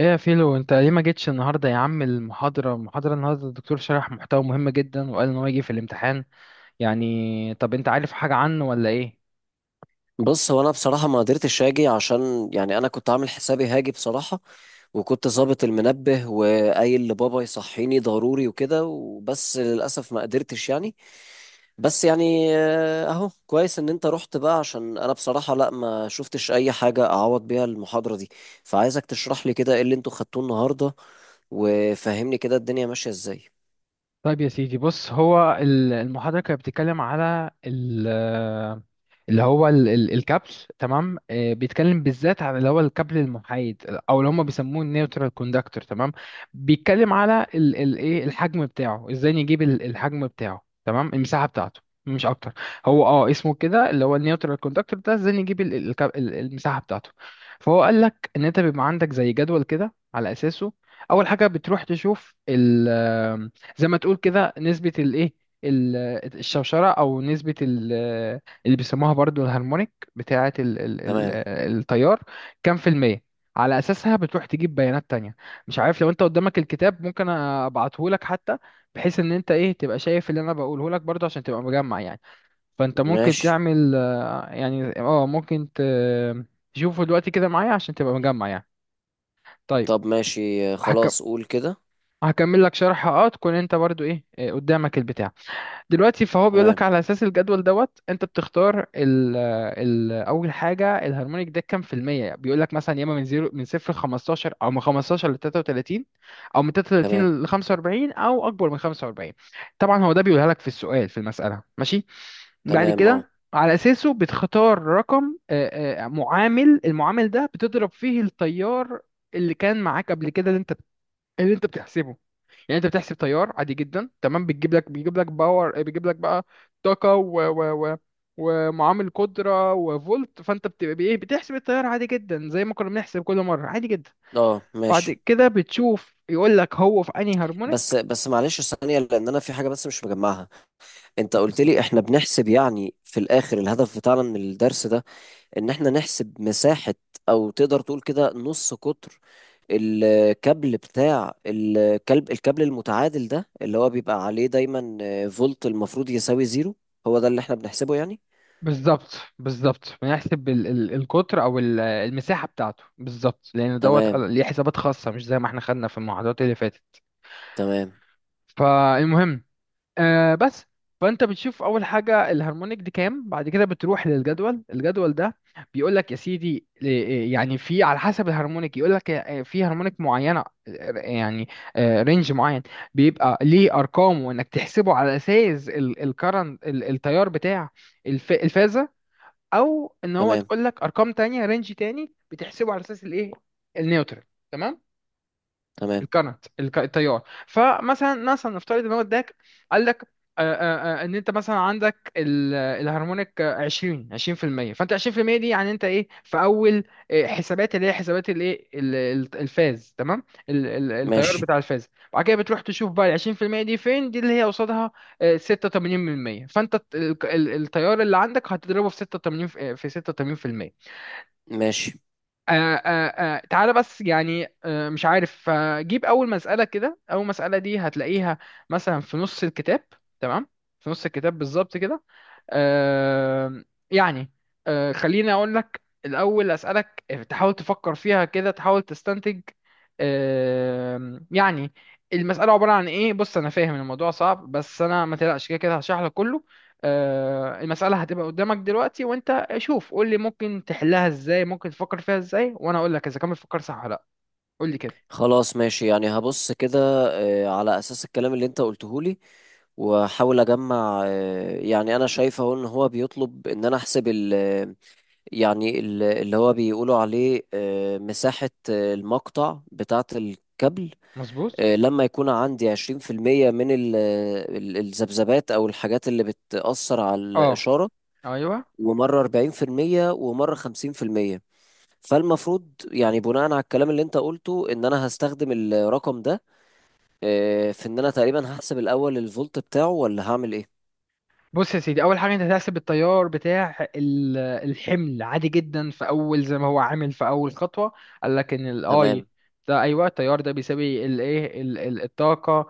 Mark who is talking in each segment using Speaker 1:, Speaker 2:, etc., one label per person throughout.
Speaker 1: ايه يا فيلو انت ليه ما جيتش النهارده يا عم؟ المحاضره النهارده الدكتور شرح محتوى مهم جدا، وقال ان هو يجي في الامتحان. يعني طب انت عارف حاجه عنه ولا ايه؟
Speaker 2: بص هو انا بصراحه ما قدرتش اجي عشان يعني انا كنت عامل حسابي هاجي بصراحه وكنت ظابط المنبه وقايل لبابا يصحيني ضروري وكده وبس للاسف ما قدرتش يعني. بس يعني اهو كويس ان انت رحت بقى عشان انا بصراحه، لا، ما شفتش اي حاجه اعوض بيها المحاضره دي. فعايزك تشرح لي كده ايه اللي انتوا خدتوه النهارده وفهمني كده الدنيا ماشيه ازاي؟
Speaker 1: طيب يا سيدي، بص هو المحاضرة كانت بتتكلم على ال- اللي هو ال- ال- الكابل. تمام. بيتكلم بالذات على اللي هو الكابل المحايد، او اللي هم بيسموه النيوترال كوندكتور. تمام. بيتكلم على ايه الحجم بتاعه، ازاي نجيب الحجم بتاعه، تمام، المساحة بتاعته مش اكتر. هو اسمه كده اللي هو النيوترال كوندكتور ده، ازاي نجيب المساحة بتاعته. فهو قال لك ان انت بيبقى عندك زي جدول كده، على اساسه اول حاجة بتروح تشوف زي ما تقول كده نسبة الايه، ال- الشوشرة، أو نسبة اللي بيسموها برضو الهارمونيك بتاعة
Speaker 2: تمام.
Speaker 1: التيار، كام في المية. على أساسها بتروح تجيب بيانات تانية. مش عارف، لو أنت قدامك الكتاب ممكن أبعته لك حتى، بحيث إن أنت إيه تبقى شايف اللي أنا بقوله لك برضو عشان تبقى مجمع يعني. فأنت ممكن
Speaker 2: ماشي.
Speaker 1: تعمل، آه، يعني أه ممكن تشوفه دلوقتي كده معايا عشان تبقى مجمع يعني. طيب.
Speaker 2: طب ماشي.
Speaker 1: هكم...
Speaker 2: خلاص قول كده.
Speaker 1: هكمل لك شرح، تكون أنت برضو إيه، قدامك البتاع دلوقتي. فهو بيقول
Speaker 2: تمام.
Speaker 1: لك على اساس الجدول دوت، انت بتختار ال ال اول حاجه الهارمونيك ده كام في الميه. بيقول لك مثلا يا اما من زيرو من صفر ل 15، او من 15 ل 33، او من
Speaker 2: تمام.
Speaker 1: 33 ل 45، او اكبر من 45. طبعا هو ده بيقولها لك في السؤال، في المساله، ماشي. بعد
Speaker 2: تمام. اه.
Speaker 1: كده على اساسه بتختار رقم، معامل. المعامل ده بتضرب فيه التيار اللي كان معاك قبل كده، اللي انت بتحسبه. يعني انت بتحسب تيار عادي جدا، تمام، بتجيب لك بيجيب لك باور، بيجيب لك بقى طاقه و ومعامل قدره وفولت، فانت بتبقى بايه، بتحسب التيار عادي جدا زي ما كنا بنحسب كل مره، عادي جدا.
Speaker 2: اه
Speaker 1: بعد
Speaker 2: ماشي.
Speaker 1: كده بتشوف، يقول لك هو في انهي
Speaker 2: بس
Speaker 1: هارمونيك.
Speaker 2: بس معلش، ثانية، لأن أنا في حاجة بس مش مجمعها. أنت قلت لي إحنا بنحسب يعني في الآخر الهدف بتاعنا من الدرس ده إن إحنا نحسب مساحة، أو تقدر تقول كده نص قطر الكابل بتاع الكلب، الكابل المتعادل ده اللي هو بيبقى عليه دايما فولت المفروض يساوي زيرو. هو ده اللي إحنا بنحسبه يعني؟
Speaker 1: بالظبط، بنحسب ال ال القطر او المساحه بتاعته بالظبط، لان دوت
Speaker 2: تمام.
Speaker 1: ليه حسابات خاصه مش زي ما احنا خدنا في المحاضرات اللي فاتت.
Speaker 2: تمام.
Speaker 1: فالمهم، آه بس فانت بتشوف اول حاجه الهارمونيك دي كام، بعد كده بتروح للجدول. الجدول ده بيقول لك يا سيدي، يعني في على حسب الهارمونيك، يقول لك في هارمونيك معينه، يعني رينج معين، بيبقى ليه ارقام، وانك تحسبه على اساس الكرنت، التيار بتاع الفازه. او ان هو
Speaker 2: تمام.
Speaker 1: تقول لك ارقام تانية، رينج تاني، بتحسبه على اساس الايه، النيوترال. تمام.
Speaker 2: تمام.
Speaker 1: التيار. فمثلا نفترض ان هو اداك، قال لك، ان انت مثلا عندك الهارمونيك 20 20%، فانت 20% دي يعني انت ايه في اول، حسابات، اللي هي حسابات الايه، الفاز، تمام، التيار
Speaker 2: ماشي.
Speaker 1: بتاع الفاز. بعد كده بتروح تشوف بقى ال 20% دي فين، دي اللي هي قصادها، 86%. فانت التيار اللي عندك هتضربه في 86، في 86%.
Speaker 2: ماشي.
Speaker 1: آه آه تعالى بس يعني، مش عارف، جيب أول مسألة كده. أول مسألة دي هتلاقيها مثلا في نص الكتاب، تمام، في نص الكتاب بالظبط كده. آه يعني، خليني أقول لك الأول أسألك، تحاول تفكر فيها كده، تحاول تستنتج آه يعني المسألة عبارة عن إيه. بص أنا فاهم الموضوع صعب، بس أنا، ما تقلقش، كده كده هشرح لك كله. المسألة هتبقى قدامك دلوقتي، وانت شوف قول لي ممكن تحلها ازاي، ممكن تفكر فيها ازاي، وانا اقول لك اذا كان بتفكر صح ولا لا. قول لي كده.
Speaker 2: خلاص ماشي، يعني هبص كده على أساس الكلام اللي أنت قلته لي، واحاول اجمع يعني انا شايف اهو ان هو بيطلب ان انا احسب ال، يعني ال- اللي هو بيقولوا عليه مساحة المقطع بتاعة الكابل.
Speaker 1: مظبوط.
Speaker 2: لما يكون عندي 20% من ال- الذبذبات او الحاجات اللي بتأثر على
Speaker 1: اه،
Speaker 2: الإشارة،
Speaker 1: ايوه.
Speaker 2: ومرة 40% ومرة 50%. فالمفروض يعني بناء على الكلام اللي انت قلته ان انا هستخدم الرقم ده في ان انا تقريبا هحسب الاول الفولت بتاعه، ولا هعمل ايه؟
Speaker 1: بص يا سيدي، اول حاجه انت هتحسب التيار بتاع الحمل عادي جدا في اول، زي ما هو عامل في اول خطوه. قال لك ان
Speaker 2: تمام.
Speaker 1: الاي ده، ايوه، التيار ده بيساوي الايه، الطاقه.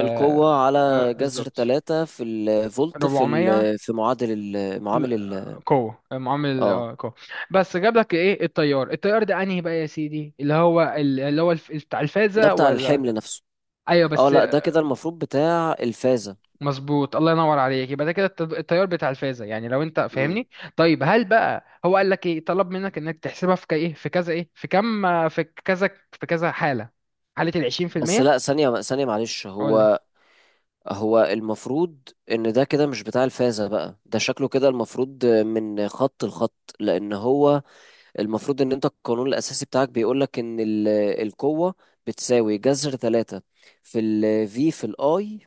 Speaker 2: القوة على جذر
Speaker 1: بالظبط.
Speaker 2: ثلاثة في الفولت في
Speaker 1: 400
Speaker 2: ال، في معادل ال،
Speaker 1: ال-
Speaker 2: معامل ال.
Speaker 1: قوة، معامل
Speaker 2: اه،
Speaker 1: قوة. بس جاب لك ايه التيار، التيار ده انهي بقى يا سيدي، اللي هو بتاع
Speaker 2: ده
Speaker 1: الفازة
Speaker 2: بتاع
Speaker 1: ولا؟
Speaker 2: الحمل نفسه.
Speaker 1: ايوه
Speaker 2: اه،
Speaker 1: بس.
Speaker 2: لا، ده كده المفروض بتاع الفازة.
Speaker 1: مظبوط، الله ينور عليك، يبقى ده كده التيار بتاع الفازة، يعني لو انت
Speaker 2: مم.
Speaker 1: فاهمني. طيب هل بقى هو قال لك ايه، طلب منك انك تحسبها في ك- ايه في كذا ايه في كم في كذا في كذا حالة، حالة ال
Speaker 2: بس
Speaker 1: 20%؟
Speaker 2: لا، ثانية ثانية معلش.
Speaker 1: قول لي.
Speaker 2: هو المفروض ان ده كده مش بتاع الفازة بقى، ده شكله كده المفروض من خط لخط، لان هو المفروض ان انت القانون الاساسي بتاعك بيقولك ان ال- القوة بتساوي جذر ثلاثة في ال V في ال I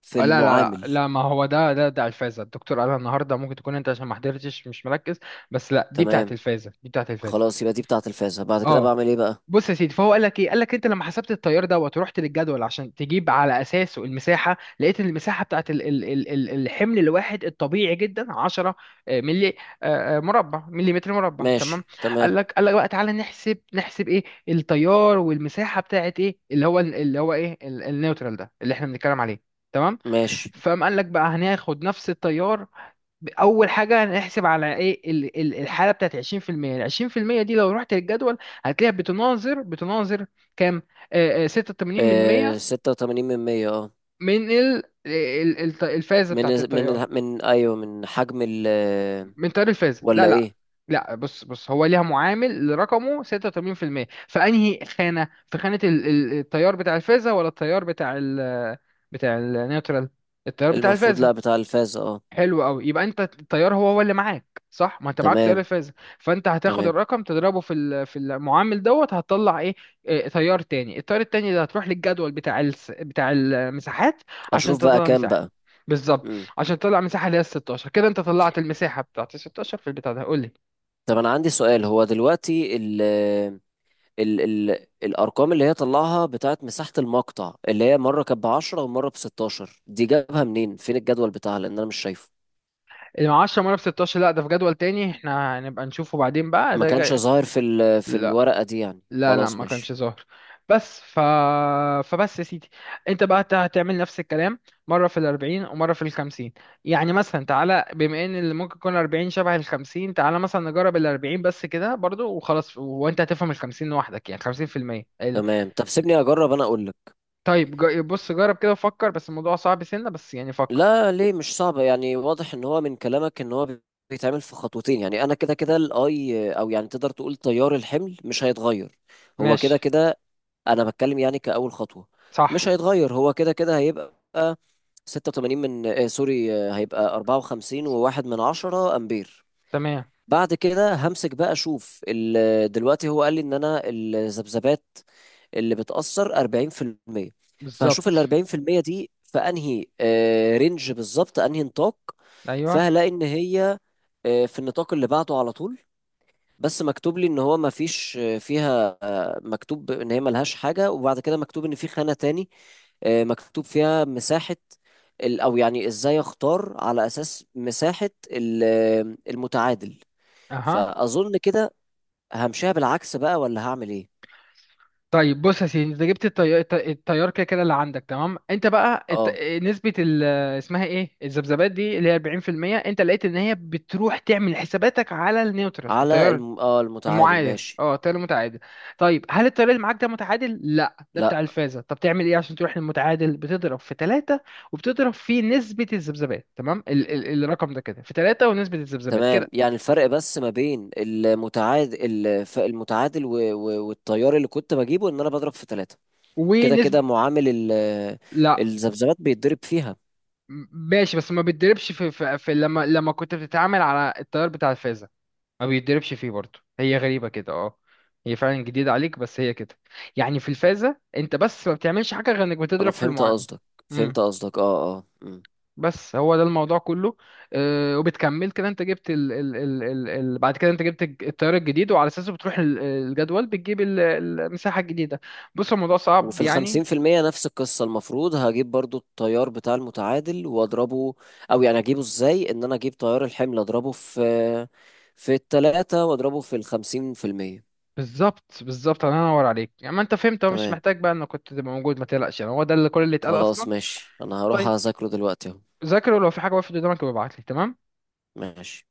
Speaker 2: في
Speaker 1: لا، لا، لا،
Speaker 2: المعامل.
Speaker 1: لا، ما هو ده الفازة. الدكتور قالها النهارده، ممكن تكون انت عشان ما حضرتش مش مركز، بس لا دي بتاعت
Speaker 2: تمام.
Speaker 1: الفازة، دي بتاعت الفازة.
Speaker 2: خلاص، يبقى دي بتاعة الفازة. بعد كده
Speaker 1: اه
Speaker 2: بعمل ايه بقى؟
Speaker 1: بص يا سيدي، فهو قال لك ايه، قال لك انت لما حسبت التيار دوت ورحت للجدول عشان تجيب على اساسه المساحه، لقيت ان المساحه بتاعت الحمل الواحد الطبيعي جدا 10 ملي، مربع، مليمتر مربع، تمام.
Speaker 2: ماشي. تمام.
Speaker 1: قال لك بقى تعالى نحسب، نحسب ايه التيار والمساحه بتاعت ايه، اللي هو النيوترال ده اللي احنا بنتكلم عليه، تمام.
Speaker 2: ماشي.
Speaker 1: فقام قال لك بقى هناخد نفس التيار. اول حاجه هنحسب على ايه الحاله بتاعت 20%. ال 20% دي لو رحت للجدول هتلاقيها بتناظر كام؟ 86% من
Speaker 2: آه،
Speaker 1: مية.
Speaker 2: ستة وتمانين من مية، اه.
Speaker 1: من الفازه
Speaker 2: من
Speaker 1: بتاعت التيار،
Speaker 2: من من ايوه، من حجم ال
Speaker 1: من تيار الفازه؟ لا
Speaker 2: ولا
Speaker 1: لا
Speaker 2: ايه؟
Speaker 1: لا بص هو ليها معامل رقمه 86%. فانهي خانه، في خانه التيار بتاع الفازه ولا التيار بتاع بتاع النيوترال؟ التيار بتاع
Speaker 2: المفروض
Speaker 1: الفازه.
Speaker 2: لا، بتاع الفازة اه.
Speaker 1: حلو قوي، يبقى انت التيار هو هو اللي معاك، صح، ما انت معاك تيار
Speaker 2: تمام.
Speaker 1: الفازة. فانت هتاخد
Speaker 2: تمام.
Speaker 1: الرقم تضربه في المعامل دوت، هتطلع ايه؟ اه، تيار تاني. التيار التاني ده هتروح للجدول بتاع المساحات عشان
Speaker 2: اشوف بقى
Speaker 1: تطلع
Speaker 2: كام
Speaker 1: مساحة.
Speaker 2: بقى.
Speaker 1: بالظبط.
Speaker 2: مم.
Speaker 1: عشان تطلع مساحة اللي هي ال 16. كده انت طلعت المساحة بتاعت ال 16 في البتاع ده، قول لي.
Speaker 2: طب انا عندي سؤال، هو دلوقتي ال ال الارقام اللي هي طلعها بتاعت مساحة المقطع، اللي هي مرة كانت ب10 ومرة ب16، دي جابها منين؟ فين الجدول بتاعها؟ لان انا مش شايفه.
Speaker 1: ال 10 مرة ب 16، لا، ده في جدول تاني احنا هنبقى نشوفه بعدين بقى،
Speaker 2: ما
Speaker 1: ده
Speaker 2: كانش
Speaker 1: جاي.
Speaker 2: ظاهر في ال في
Speaker 1: لا
Speaker 2: الورقة دي يعني،
Speaker 1: لا لا،
Speaker 2: خلاص
Speaker 1: ما كانش
Speaker 2: ماشي.
Speaker 1: ظاهر. بس ف... فبس يا سيدي، انت بقى هتعمل نفس الكلام مرة في الأربعين ومرة في الخمسين. يعني مثلا تعالى، بما ان اللي ممكن يكون أربعين شبه الخمسين، تعالى مثلا نجرب الأربعين بس كده برضو وخلاص، وانت هتفهم الخمسين لوحدك، يعني 50%
Speaker 2: تمام. طب سيبني اجرب انا اقول لك.
Speaker 1: طيب. بص جرب كده وفكر، بس الموضوع صعب سنة، بس يعني فكر.
Speaker 2: لا، ليه؟ مش صعبه يعني، واضح ان هو من كلامك ان هو بيتعمل في خطوتين. يعني انا كده كده الاي، او يعني تقدر تقول تيار الحمل مش هيتغير، هو كده
Speaker 1: ماشي.
Speaker 2: كده. انا بتكلم يعني كاول خطوه، مش
Speaker 1: صح.
Speaker 2: هيتغير هو كده كده، هيبقى 86 من سوري، هيبقى 54 وواحد من 10 امبير.
Speaker 1: تمام.
Speaker 2: بعد كده همسك بقى اشوف ال-، دلوقتي هو قال لي ان انا الذبذبات اللي بتأثر 40%. فهشوف ال
Speaker 1: بالظبط.
Speaker 2: 40% دي في انهي رينج بالظبط، انهي نطاق.
Speaker 1: ايوه.
Speaker 2: فهلاقي ان هي في النطاق اللي بعده على طول، بس مكتوب لي ان هو ما فيش فيها، مكتوب ان هي ملهاش حاجة، وبعد كده مكتوب ان في خانة تاني مكتوب فيها مساحة ال-، او يعني ازاي اختار على اساس مساحة ال- المتعادل؟
Speaker 1: اها.
Speaker 2: فاظن كده همشيها بالعكس بقى، ولا هعمل ايه؟
Speaker 1: طيب بص يا سيدي، انت جبت التيار كده كده اللي عندك، تمام. انت بقى الت...
Speaker 2: اه،
Speaker 1: نسبة ال... اسمها ايه الذبذبات دي اللي هي 40%، انت لقيت ان هي بتروح تعمل حساباتك على النيوترال،
Speaker 2: على
Speaker 1: التيار
Speaker 2: اه المتعادل،
Speaker 1: المعادل،
Speaker 2: ماشي.
Speaker 1: اه، التيار المتعادل. طيب هل التيار اللي معاك ده متعادل؟ لا، ده
Speaker 2: لا،
Speaker 1: بتاع الفازة. طب تعمل ايه عشان تروح للمتعادل؟ بتضرب في ثلاثة وبتضرب في نسبة الذبذبات، تمام، الرقم ده كده في ثلاثة ونسبة الذبذبات كده.
Speaker 2: تمام، يعني الفرق بس ما بين المتعادل المتعادل و- و- والتيار اللي كنت بجيبه ان انا بضرب في ثلاثة، كده كده
Speaker 1: ونسبة.
Speaker 2: معامل ال-
Speaker 1: لا،
Speaker 2: الذبذبات بيتضرب فيها.
Speaker 1: ماشي، بس ما بيتدربش في، لما كنت بتتعامل على التيار بتاع الفازة، ما بيتدربش فيه برضه، هي غريبة كده اه. هي فعلا جديدة عليك، بس هي كده. يعني في الفازة انت بس ما بتعملش حاجة غير انك
Speaker 2: انا
Speaker 1: بتضرب في
Speaker 2: فهمت
Speaker 1: المعامل.
Speaker 2: قصدك. فهمت
Speaker 1: امم
Speaker 2: قصدك، اه، اه، أمم.
Speaker 1: بس هو ده الموضوع كله. وبتكمل كده، انت جبت ال ال ال ال ال بعد كده انت جبت التيار الجديد، وعلى اساسه بتروح الجدول بتجيب المساحة الجديدة. بص الموضوع
Speaker 2: وفي
Speaker 1: صعب يعني.
Speaker 2: ال50% نفس القصة، المفروض هجيب برضو التيار بتاع المتعادل واضربه، او يعني اجيبه ازاي؟ ان انا اجيب تيار الحمل اضربه في التلاتة واضربه في ال50%.
Speaker 1: بالظبط، الله ينور عليك، يعني ما انت فهمت، هو مش
Speaker 2: تمام.
Speaker 1: محتاج بقى انك كنت تبقى موجود، ما تقلقش، يعني هو ده اللي كل اللي اتقال
Speaker 2: خلاص
Speaker 1: اصلا.
Speaker 2: ماشي، انا هروح
Speaker 1: طيب
Speaker 2: اذاكره دلوقتي اهو.
Speaker 1: ذاكر، ولو في حاجه وقفت قدامك ابقى ابعت لي، تمام.
Speaker 2: ماشي.